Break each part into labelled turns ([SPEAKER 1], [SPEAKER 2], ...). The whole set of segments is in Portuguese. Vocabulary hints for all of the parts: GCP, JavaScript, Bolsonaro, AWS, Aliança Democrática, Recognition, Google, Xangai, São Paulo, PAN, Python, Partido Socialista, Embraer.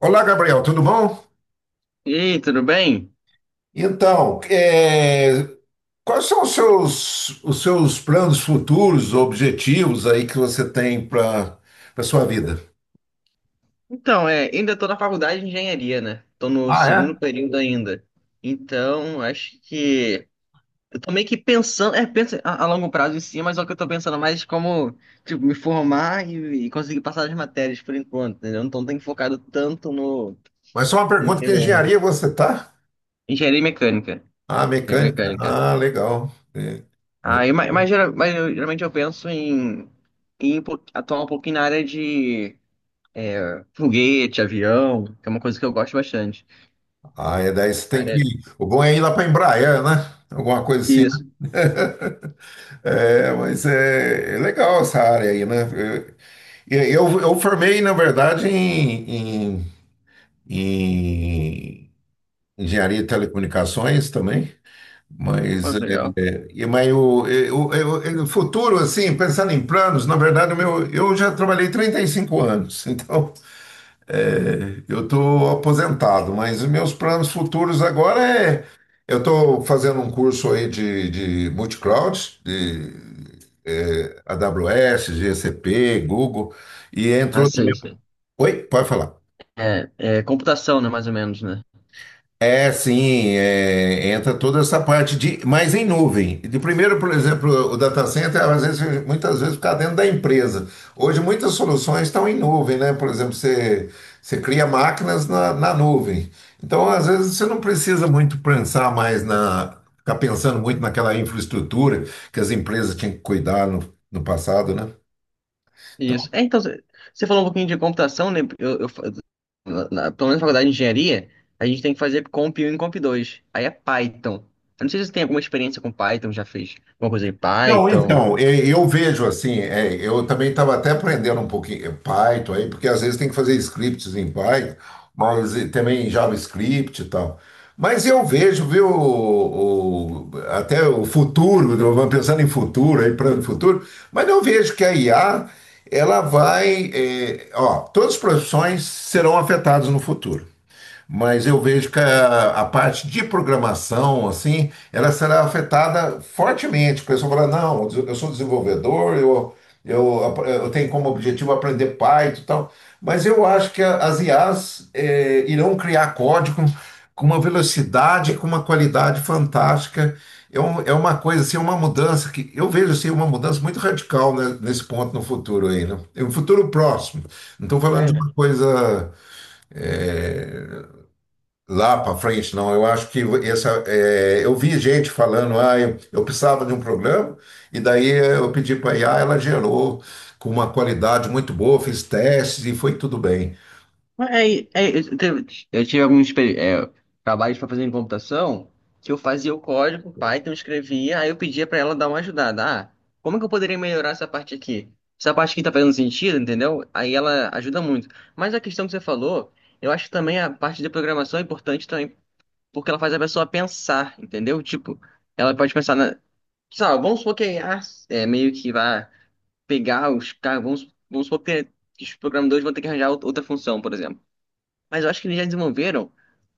[SPEAKER 1] Olá, Gabriel, tudo bom?
[SPEAKER 2] E aí, tudo bem?
[SPEAKER 1] Então, é, quais são os seus planos futuros, objetivos aí que você tem para sua vida?
[SPEAKER 2] Ainda tô na faculdade de engenharia, né? Tô no segundo período ainda. Então, acho que eu tô meio que pensando, penso a longo prazo em si, mas só que eu tô pensando mais como, tipo, me formar e conseguir passar as matérias por enquanto, entendeu? Então, tenho focado tanto no
[SPEAKER 1] Mas só uma
[SPEAKER 2] no
[SPEAKER 1] pergunta, que engenharia
[SPEAKER 2] meu
[SPEAKER 1] você tá?
[SPEAKER 2] engenharia mecânica,
[SPEAKER 1] Ah,
[SPEAKER 2] engenharia
[SPEAKER 1] mecânica.
[SPEAKER 2] mecânica.
[SPEAKER 1] Ah, legal. Muito
[SPEAKER 2] Aí,
[SPEAKER 1] bom.
[SPEAKER 2] geralmente eu penso em, em atuar um pouquinho na área de foguete, avião, que é uma coisa que eu gosto bastante.
[SPEAKER 1] Ah, é, daí você tem que
[SPEAKER 2] Aré-
[SPEAKER 1] ir. O bom é ir lá para Embraer, né? Alguma coisa assim.
[SPEAKER 2] Isso.
[SPEAKER 1] Né? Mas é legal essa área aí, né? Eu, eu formei, na verdade, em engenharia e telecomunicações também. Mas,
[SPEAKER 2] Pô,
[SPEAKER 1] é,
[SPEAKER 2] que legal.
[SPEAKER 1] Futuro, assim, pensando em planos, na verdade, o meu, eu já trabalhei 35 anos, então eu estou aposentado, mas os meus planos futuros agora é. Eu estou fazendo um curso aí de multicloud, de AWS, GCP, Google, e
[SPEAKER 2] Ah,
[SPEAKER 1] entrou também.
[SPEAKER 2] sei, sei.
[SPEAKER 1] Oi, pode falar.
[SPEAKER 2] É, é computação, né? Mais ou menos, né?
[SPEAKER 1] Sim, é, entra toda essa parte de, mas em nuvem. De primeiro, por exemplo, o data center, às vezes, muitas vezes fica dentro da empresa. Hoje, muitas soluções estão em nuvem, né? Por exemplo, você cria máquinas na nuvem. Então, às vezes, você não precisa muito pensar mais na, ficar pensando muito naquela infraestrutura que as empresas tinham que cuidar no passado, né? Então,
[SPEAKER 2] Isso. Você falou um pouquinho de computação, né? Eu fa- na, na- pelo menos na faculdade de engenharia, a gente tem que fazer Comp um e Comp 2. Aí é Python. Eu não sei se você tem alguma experiência com Python, já fez alguma coisa em
[SPEAKER 1] não,
[SPEAKER 2] Python.
[SPEAKER 1] então, eu vejo assim, é, eu também estava até aprendendo um pouquinho Python aí, porque às vezes tem que fazer scripts em Python, mas e também em JavaScript e tal. Mas eu vejo, viu, até o futuro, eu vou pensando em futuro, aí para o futuro, mas eu vejo que a IA, ela vai, é, ó, todas as profissões serão afetadas no futuro, mas eu vejo que a parte de programação, assim, ela será afetada fortemente. O pessoal fala, não, eu sou desenvolvedor, eu tenho como objetivo aprender Python e tal, mas eu acho que as IAs irão criar código com uma velocidade, com uma qualidade fantástica. É, é uma coisa, assim, uma mudança que eu vejo assim, uma mudança muito radical, né, nesse ponto no futuro aí, né? É um futuro próximo. Não estou falando de uma coisa lá para frente, não. Eu acho que essa, é, eu vi gente falando, ah, eu precisava de um programa, e daí eu pedi para a IA, ela gerou com uma qualidade muito boa, fiz testes e foi tudo bem.
[SPEAKER 2] É, eu tive alguns trabalhos para fazer em computação que eu fazia o código, Python, escrevia, aí eu pedia para ela dar uma ajudada. Ah, como é que eu poderia melhorar essa parte aqui? Essa parte aqui tá fazendo sentido, entendeu? Aí ela ajuda muito. Mas a questão que você falou, eu acho que também a parte de programação é importante também, porque ela faz a pessoa pensar, entendeu? Tipo, ela pode pensar na. Sabe, vamos supor que a IA é meio que vai pegar os caras, vamos supor que os programadores vão ter que arranjar outra função, por exemplo. Mas eu acho que eles já desenvolveram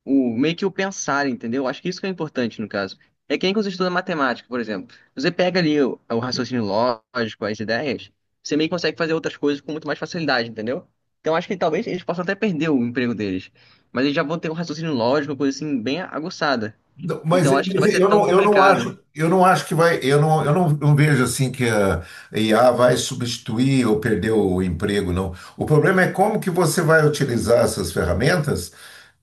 [SPEAKER 2] o meio que o pensar, entendeu? Eu acho que isso que é importante no caso. É que nem quando você estuda matemática, por exemplo. Você pega ali o raciocínio lógico, as ideias, você meio que consegue fazer outras coisas com muito mais facilidade, entendeu? Então eu acho que talvez eles possam até perder o emprego deles. Mas eles já vão ter um raciocínio lógico, uma coisa assim, bem aguçada.
[SPEAKER 1] Não, mas,
[SPEAKER 2] Então eu acho que não vai ser tão complicado.
[SPEAKER 1] eu não acho que vai, eu não, não vejo assim que a IA vai substituir ou perder o emprego, não. O problema é como que você vai utilizar essas ferramentas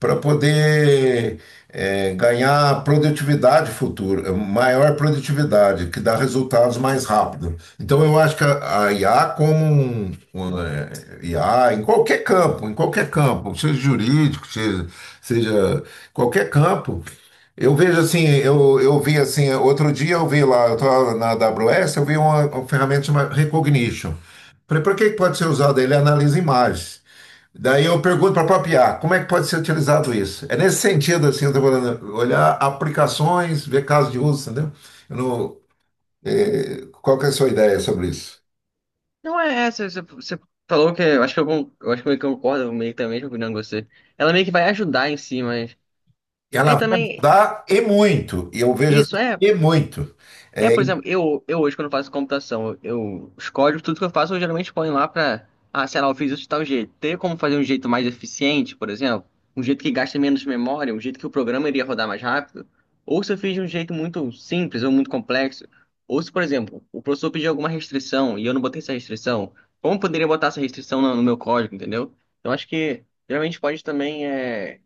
[SPEAKER 1] para poder ganhar produtividade futura, maior produtividade, que dá resultados mais rápido. Então eu acho que a IA como IA em qualquer campo, seja jurídico, seja qualquer campo. Eu vejo assim, eu vi assim, outro dia eu vi lá, eu estava na AWS, eu vi uma ferramenta chamada Recognition. Falei, por que que pode ser usado? Ele analisa imagens. Daí eu pergunto para a própria IA, como é que pode ser utilizado isso? É nesse sentido, assim, eu estou falando, olhar aplicações, ver casos de uso, entendeu? Eu não- eh, qual que é a sua ideia sobre isso?
[SPEAKER 2] Não é essa, você falou que. Eu acho que eu acho que eu concordo meio que também com a opinião de você. Ela meio que vai ajudar em si, mas. Aí
[SPEAKER 1] Ela vai
[SPEAKER 2] também.
[SPEAKER 1] ajudar e muito, e eu vejo assim,
[SPEAKER 2] Isso, é.
[SPEAKER 1] e muito.
[SPEAKER 2] É,
[SPEAKER 1] É,
[SPEAKER 2] por exemplo, eu hoje, quando faço computação, eu, os códigos, tudo que eu faço, eu geralmente ponho lá pra, ah, sei lá, eu fiz isso de tal jeito. Teria como fazer um jeito mais eficiente, por exemplo? Um jeito que gasta menos memória, um jeito que o programa iria rodar mais rápido? Ou se eu fiz de um jeito muito simples ou muito complexo? Ou se, por exemplo, o professor pediu alguma restrição e eu não botei essa restrição, como eu poderia botar essa restrição no meu código, entendeu? Então, acho que, geralmente, pode também, é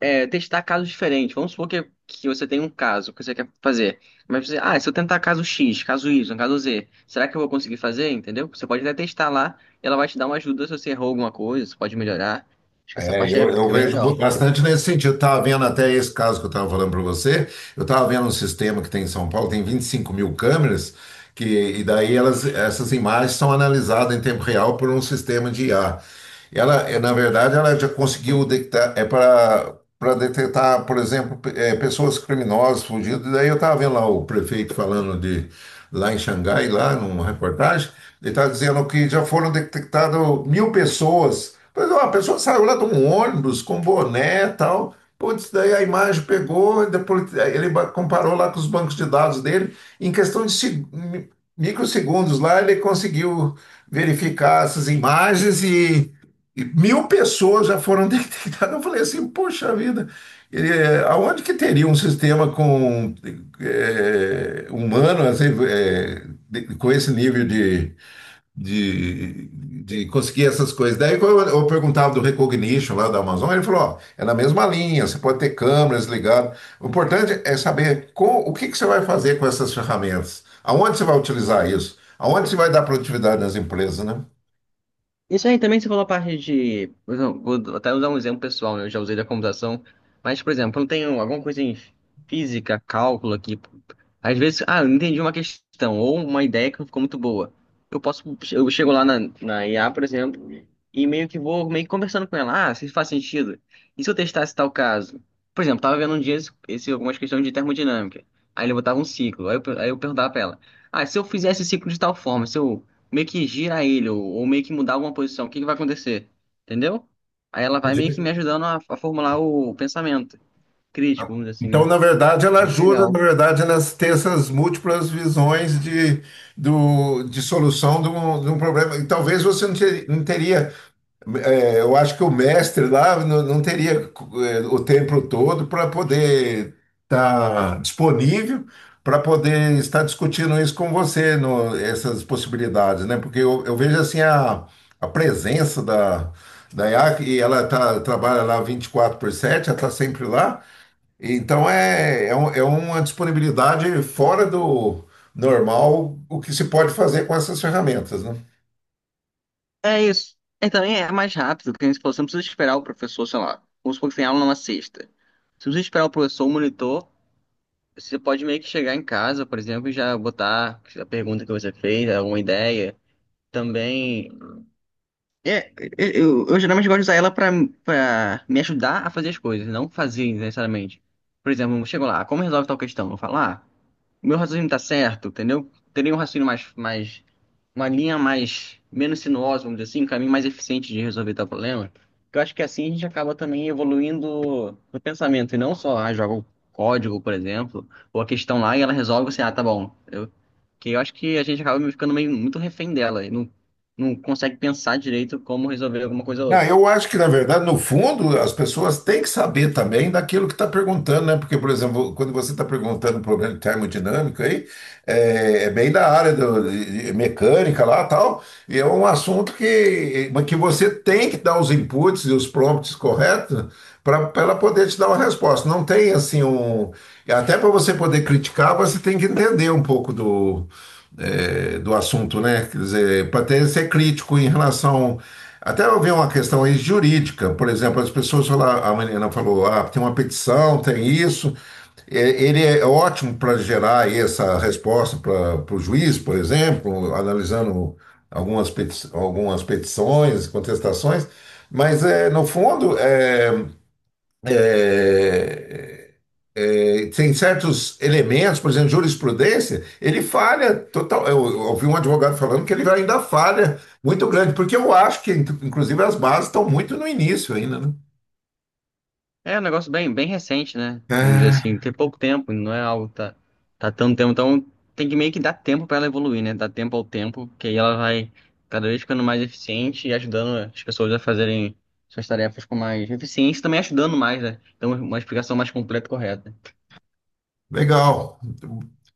[SPEAKER 2] é, testar casos diferentes. Vamos supor que você tem um caso que você quer fazer. Mas você, ah, se eu tentar caso X, caso Y, caso Z, será que eu vou conseguir fazer? Entendeu? Você pode até testar lá e ela vai te dar uma ajuda se você errou alguma coisa, você pode melhorar. Acho que essa parte
[SPEAKER 1] Eu
[SPEAKER 2] é bem
[SPEAKER 1] vejo
[SPEAKER 2] legal.
[SPEAKER 1] bastante nesse sentido. Eu estava vendo até esse caso que eu estava falando para você. Eu estava vendo um sistema que tem em São Paulo, tem 25 mil câmeras, que, e daí elas, essas imagens são analisadas em tempo real por um sistema de IA. Ela, na verdade, ela já conseguiu detectar, é para detectar, por exemplo, pessoas criminosas, fugidas. E daí eu estava vendo lá o prefeito falando de lá em Xangai, lá numa reportagem, ele estava dizendo que já foram detectadas 1.000 pessoas. Mas, ó, a pessoa saiu lá de um ônibus com boné e tal. Putz, daí a imagem pegou, e depois ele comparou lá com os bancos de dados dele. Em questão de microsegundos lá, ele conseguiu verificar essas imagens e 1.000 pessoas já foram detectadas. Eu falei assim, poxa vida, aonde que teria um sistema com humano assim, com esse nível de, de conseguir essas coisas? Daí quando eu perguntava do Recognition lá da Amazon, ele falou, ó, é na mesma linha, você pode ter câmeras ligadas. O importante é saber com, o que que você vai fazer com essas ferramentas, aonde você vai utilizar isso, aonde você vai dar produtividade nas empresas, né?
[SPEAKER 2] Isso aí também você falou a parte de. Por exemplo, vou até usar um exemplo pessoal, né? Eu já usei da computação. Mas, por exemplo, eu tenho alguma coisa em física, cálculo aqui. Às vezes, ah, eu não entendi uma questão ou uma ideia que não ficou muito boa. Eu posso. Eu chego lá na IA, por exemplo, e meio que vou meio que conversando com ela. Ah, se isso faz sentido. E se eu testasse tal caso? Por exemplo, tava vendo um dia algumas questões de termodinâmica. Aí ele botava um ciclo. Aí eu perguntava pra ela. Ah, se eu fizesse esse ciclo de tal forma, se eu meio que gira ele, ou meio que mudar alguma posição, o que que vai acontecer? Entendeu? Aí ela vai meio que me ajudando a formular o pensamento crítico, vamos dizer assim,
[SPEAKER 1] Então,
[SPEAKER 2] né?
[SPEAKER 1] na verdade, ela ajuda, na
[SPEAKER 2] Legal.
[SPEAKER 1] verdade, nas ter essas múltiplas visões do, de solução de de um problema. E talvez você não teria, é, eu acho que o mestre lá não, não teria é, o tempo todo para poder estar disponível, para poder estar discutindo isso com você, no, essas possibilidades, né? Porque eu vejo assim a presença da IAC, e ela tá, trabalha lá 24 por 7, ela está sempre lá. Então é uma disponibilidade fora do normal o que se pode fazer com essas ferramentas, né?
[SPEAKER 2] É isso. E também é mais rápido, porque se você não precisa esperar o professor, sei lá, vamos supor que tem aula numa sexta. Você não precisa esperar o professor, o monitor, você pode meio que chegar em casa, por exemplo, e já botar a pergunta que você fez, alguma ideia. Também é, eu geralmente gosto de usar ela pra, pra me ajudar a fazer as coisas, não fazer necessariamente. Por exemplo, eu chego lá, como resolve tal questão? Eu falo, ah, meu raciocínio tá certo, entendeu? Teria um raciocínio mais uma linha mais menos sinuosa, vamos dizer assim, um caminho mais eficiente de resolver tal problema. Que eu acho que assim a gente acaba também evoluindo no pensamento e não só ah, joga o código, por exemplo, ou a questão lá e ela resolve assim, ah, tá bom. Eu, que eu acho que a gente acaba ficando meio muito refém dela e não, não consegue pensar direito como resolver alguma coisa ou
[SPEAKER 1] Não,
[SPEAKER 2] outra.
[SPEAKER 1] eu acho que, na verdade, no fundo, as pessoas têm que saber também daquilo que está perguntando, né? Porque, por exemplo, quando você está perguntando um problema de termodinâmica aí, é bem da área de mecânica lá tal, e é um assunto que, mas que você tem que dar os inputs e os prompts corretos para ela poder te dar uma resposta. Não tem assim um. Até para você poder criticar, você tem que entender um pouco do do assunto, né? Quer dizer, para ter ser crítico em relação. Até eu vi uma questão aí jurídica, por exemplo, as pessoas falaram, a menina falou, ah, tem uma petição, tem isso. É, ele é ótimo para gerar aí essa resposta para o juiz, por exemplo, analisando algumas petições, contestações, mas é, no fundo é, é, é, tem certos elementos, por exemplo, jurisprudência, ele falha total. Eu ouvi um advogado falando que ele ainda falha muito grande, porque eu acho que, inclusive, as bases estão muito no início ainda, né?
[SPEAKER 2] É um negócio bem, bem recente, né? Vamos dizer assim,
[SPEAKER 1] É,
[SPEAKER 2] tem pouco tempo, não é algo que tá, tá tanto tempo. Então tem que meio que dar tempo pra ela evoluir, né? Dar tempo ao tempo, que aí ela vai cada vez ficando mais eficiente e ajudando as pessoas a fazerem suas tarefas com mais eficiência e também ajudando mais, né? Então uma explicação mais completa e correta.
[SPEAKER 1] legal.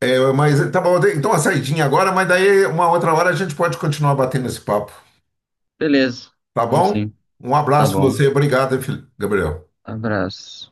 [SPEAKER 1] É, mas tá bom, então uma saidinha agora, mas daí uma outra hora a gente pode continuar batendo esse papo,
[SPEAKER 2] Beleza.
[SPEAKER 1] tá
[SPEAKER 2] Vamos
[SPEAKER 1] bom?
[SPEAKER 2] sim.
[SPEAKER 1] Um
[SPEAKER 2] Tá
[SPEAKER 1] abraço pra
[SPEAKER 2] bom.
[SPEAKER 1] você, obrigado, hein, Gabriel.
[SPEAKER 2] Abraço.